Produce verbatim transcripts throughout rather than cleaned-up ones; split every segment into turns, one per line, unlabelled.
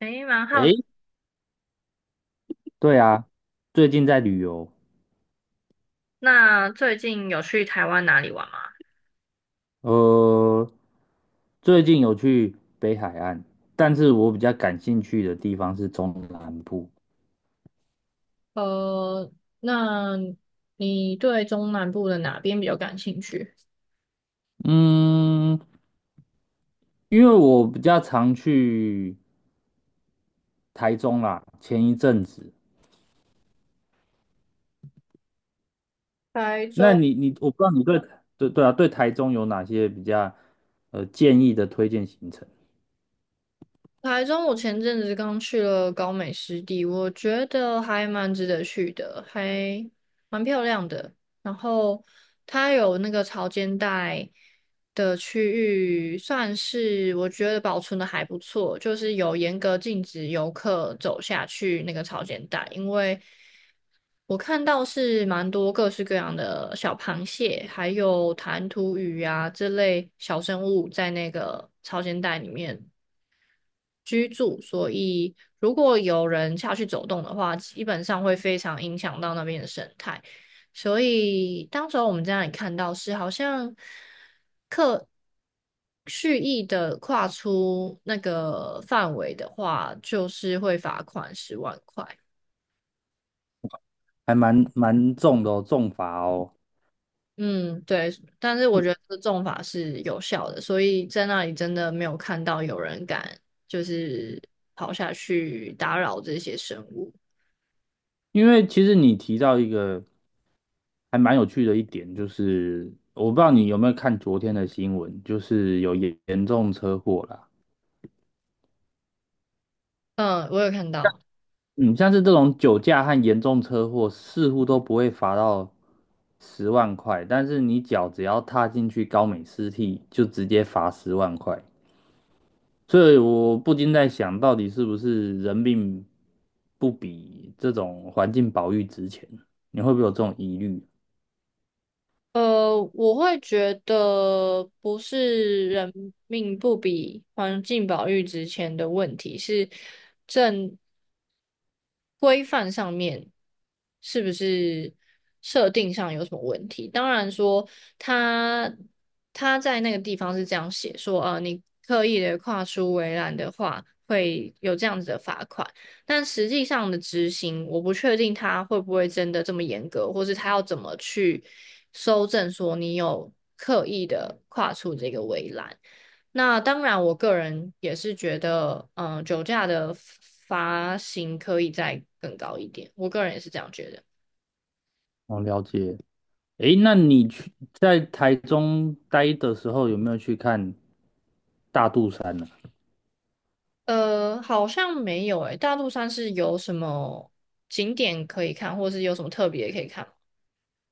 诶，蛮好
诶，
奇
对啊，最近在旅游。
那最近有去台湾哪里玩吗？
呃，最近有去北海岸，但是我比较感兴趣的地方是中南部。
呃，那你对中南部的哪边比较感兴趣？
嗯，因为我比较常去台中啦，前一阵子。
台
那
中，
你你，我不知道你对对对啊，对台中有哪些比较呃建议的推荐行程。
台中，我前阵子刚去了高美湿地，我觉得还蛮值得去的，还蛮漂亮的。然后它有那个潮间带的区域，算是我觉得保存的还不错，就是有严格禁止游客走下去那个潮间带，因为我看到是蛮多各式各样的小螃蟹，还有弹涂鱼啊这类小生物在那个潮间带里面居住，所以如果有人下去走动的话，基本上会非常影响到那边的生态。所以当时候我们在那里看到是好像刻蓄意的跨出那个范围的话，就是会罚款十万块。
还蛮蛮重的哦，重罚哦。
嗯，对，但是我觉得这个重罚是有效的，所以在那里真的没有看到有人敢就是跑下去打扰这些生物。
因为其实你提到一个还蛮有趣的一点，就是我不知道你有没有看昨天的新闻，就是有严严重车祸啦。
嗯，我有看到。
嗯，像是这种酒驾和严重车祸，似乎都不会罚到十万块，但是你脚只要踏进去高美湿地，就直接罚十万块。所以我不禁在想，到底是不是人命不比这种环境保育值钱？你会不会有这种疑虑？
呃，我会觉得不是人命不比环境保育值钱的问题，是正。规范上面是不是设定上有什么问题？当然说他他在那个地方是这样写说，呃，你刻意的跨出围栏的话，会有这样子的罚款。但实际上的执行，我不确定他会不会真的这么严格，或是他要怎么去搜证说你有刻意的跨出这个围栏。那当然，我个人也是觉得，嗯、酒驾的罚型可以再更高一点，我个人也是这样觉得。
我了解。诶，那你去在台中待的时候，有没有去看大肚山呢？
呃，好像没有诶、大肚山是有什么景点可以看，或是有什么特别可以看吗？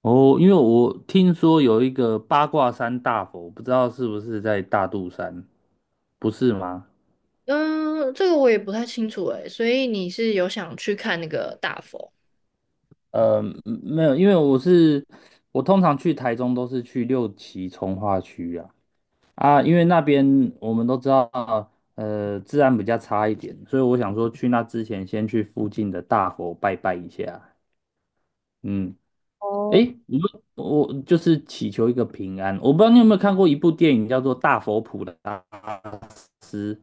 哦，因为我听说有一个八卦山大佛，不知道是不是在大肚山，不是吗？
嗯、这个我也不太清楚诶、所以你是有想去看那个大佛？
呃，嗯没有，因为我是我通常去台中都是去六旗从化区啊啊，因为那边我们都知道，呃，治安比较差一点，所以我想说去那之前先去附近的大佛拜拜一下。嗯。
哦
诶，你说我就是祈求一个平安。我不知道你有没有看过一部电影，叫做《大佛普拉斯》。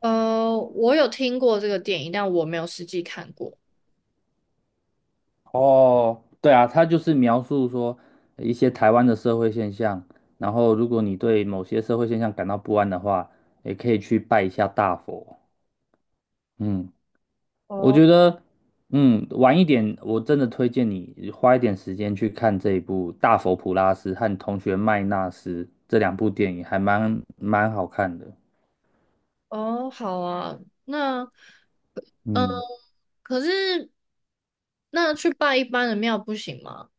呃，我有听过这个电影，但我没有实际看过。
哦，对啊，它就是描述说呃一些台湾的社会现象。然后，如果你对某些社会现象感到不安的话，也可以去拜一下大佛。嗯，我
哦，
觉得，嗯，晚一点，我真的推荐你花一点时间去看这一部《大佛普拉斯》和《同学麦纳斯》这两部电影，还蛮蛮好看的。
哦，好啊，那。嗯，
嗯。
可是那去拜一般的庙不行吗？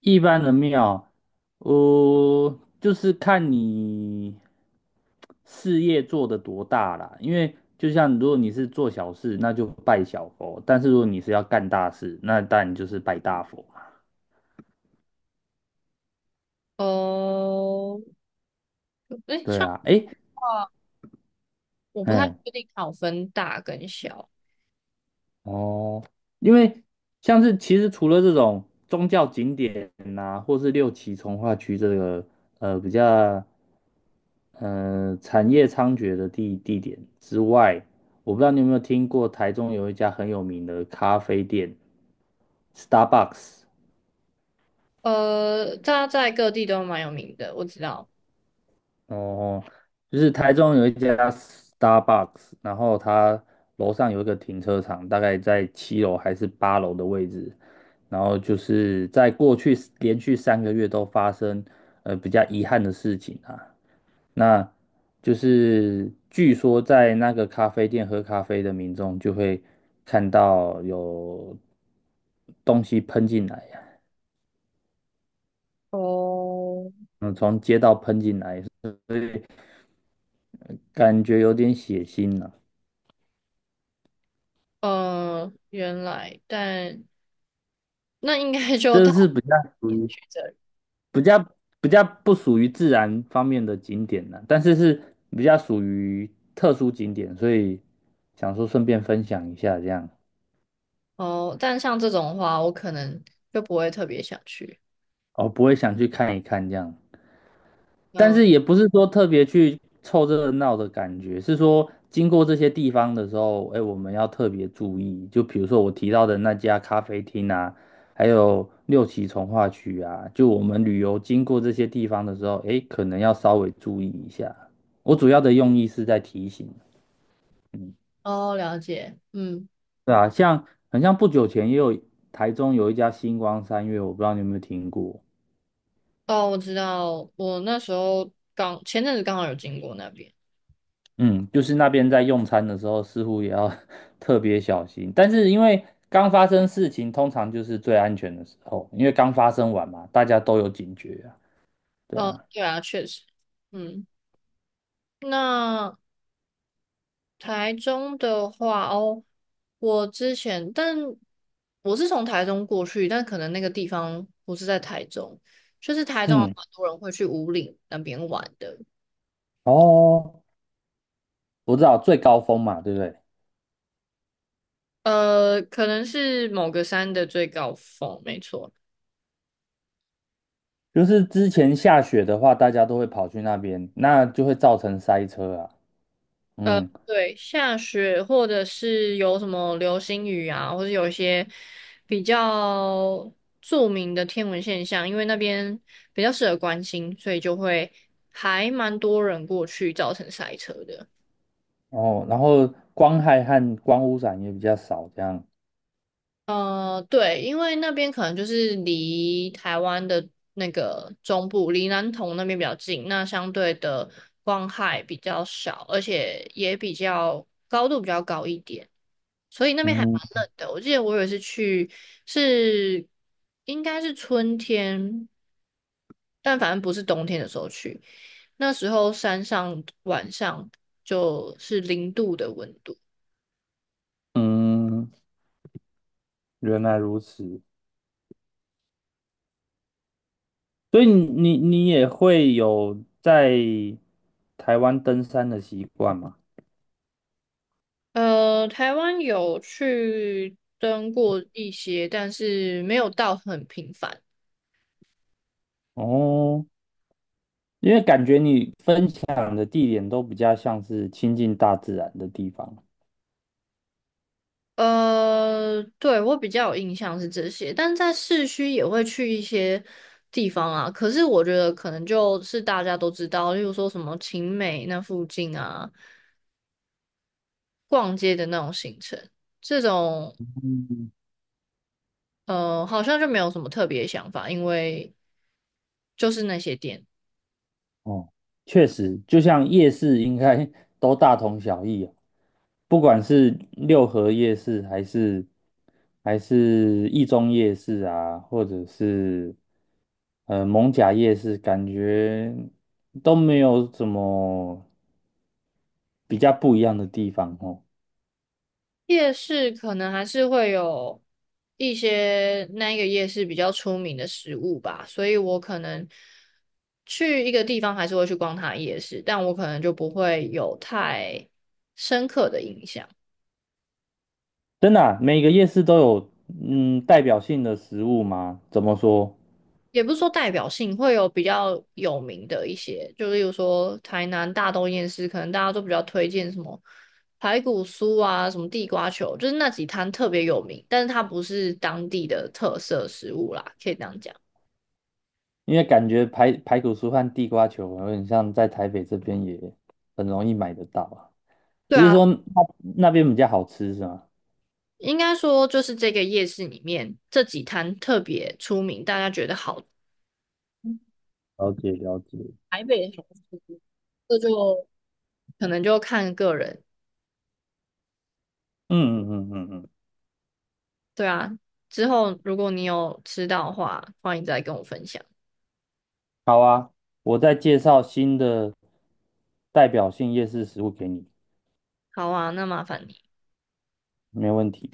一般的庙，呃，就是看你事业做得多大啦。因为就像如果你是做小事，那就拜小佛；但是如果你是要干大事，那当然就是拜大佛嘛。
哦，哎，
对
像
啊，诶，
我不太
嗯，
确定它有分大跟小。
哦，因为像是其实除了这种宗教景点呐、或是六旗从化区这个呃比较，呃，产业猖獗的地地点之外，我不知道你有没有听过台中有一家很有名的咖啡店 Starbucks。
呃，它在各地都蛮有名的，我知道。
哦，就是台中有一家 Starbucks，然后它楼上有一个停车场，大概在七楼还是八楼的位置。然后就是在过去连续三个月都发生呃比较遗憾的事情啊，那就是据说在那个咖啡店喝咖啡的民众就会看到有东西喷进来呀。
哦，
嗯，从街道喷进来，所以感觉有点血腥呢。
呃，原来，但那应该 就这
这是比较属于
着
比较比较不属于自然方面的景点呢，但是是比较属于特殊景点，所以想说顺便分享一下这样。
哦。但像这种话，我可能就不会特别想去。
哦，不会想去看一看这样。但
嗯，
是也不是说特别去凑热闹的感觉，是说经过这些地方的时候，哎，我们要特别注意。就比如说我提到的那家咖啡厅啊，还有六旗从化区啊，就我们旅游经过这些地方的时候，哎，可能要稍微注意一下。我主要的用意是在提醒。嗯，
哦，了解，嗯，
对啊，像很像不久前也有台中有一家星光三月，我不知道你有没有听过。
哦，我知道，我那时候刚前阵子刚好有经过那边。
嗯，就是那边在用餐的时候，似乎也要 特别小心。但是因为刚发生事情，通常就是最安全的时候，因为刚发生完嘛，大家都有警觉啊。对
哦，
啊，
对啊，确实，嗯，那台中的话，哦，我之前，但我是从台中过去，但可能那个地方不是在台中，就是台中有
嗯，
蛮多人会去五岭那边玩的，
哦，我知道最高峰嘛，对不对？
呃，可能是某个山的最高峰，没错。
就是之前下雪的话，大家都会跑去那边，那就会造成塞车啊。
呃，
嗯，
对，下雪或者是有什么流星雨啊，或者有一些比较著名的天文现象，因为那边比较适合观星，所以就会还蛮多人过去，造成塞车的。
哦，然后光害和光污染也比较少，这样。
呃，对，因为那边可能就是离台湾的那个中部，离南投那边比较近，那相对的光害比较少，而且也比较高度比较高一点。所以那边还
嗯
蛮冷的。我记得我有一次去是应该是春天，但反正不是冬天的时候去。那时候山上晚上就是零度的温度。
嗯，原来如此。所以你你也会有在台湾登山的习惯吗？
呃，台湾有去登过一些，但是没有到很频繁。
哦，因为感觉你分享的地点都比较像是亲近大自然的地方。
呃，对，我比较有印象是这些，但在市区也会去一些地方啊。可是我觉得可能就是大家都知道，例如说什么晴美那附近啊，逛街的那种行程，这种
嗯，
呃好像就没有什么特别想法，因为就是那些店。
哦，确实，就像夜市应该 都大同小异啊，不管是六合夜市还是还是一中夜市啊，或者是呃蒙甲夜市，感觉都没有什么比较不一样的地方哦。
夜市可能还是会有一些那一个夜市比较出名的食物吧，所以我可能去一个地方还是会去逛它的夜市，但我可能就不会有太深刻的印象，
真的啊，每个夜市都有嗯代表性的食物吗？怎么说？
也不是说代表性，会有比较有名的一些，就例如说台南大东夜市，可能大家都比较推荐什么排骨酥啊，什么地瓜球，就是那几摊特别有名，但是它不是当地的特色食物啦，可以这样讲。
因为感觉排排骨酥和地瓜球有点像在台北这边也很容易买得到啊，
对
只是
啊，
说那那边比较好吃是吗？
应该说，就是这个夜市里面这几摊特别出名，大家觉得好，
了解了解。
可能就看个人。
嗯嗯嗯嗯嗯，
对啊，之后如果你有吃到的话，欢迎再跟我分享。
好啊，我再介绍新的代表性夜市食物给你，
好啊，那麻烦。你。
没问题。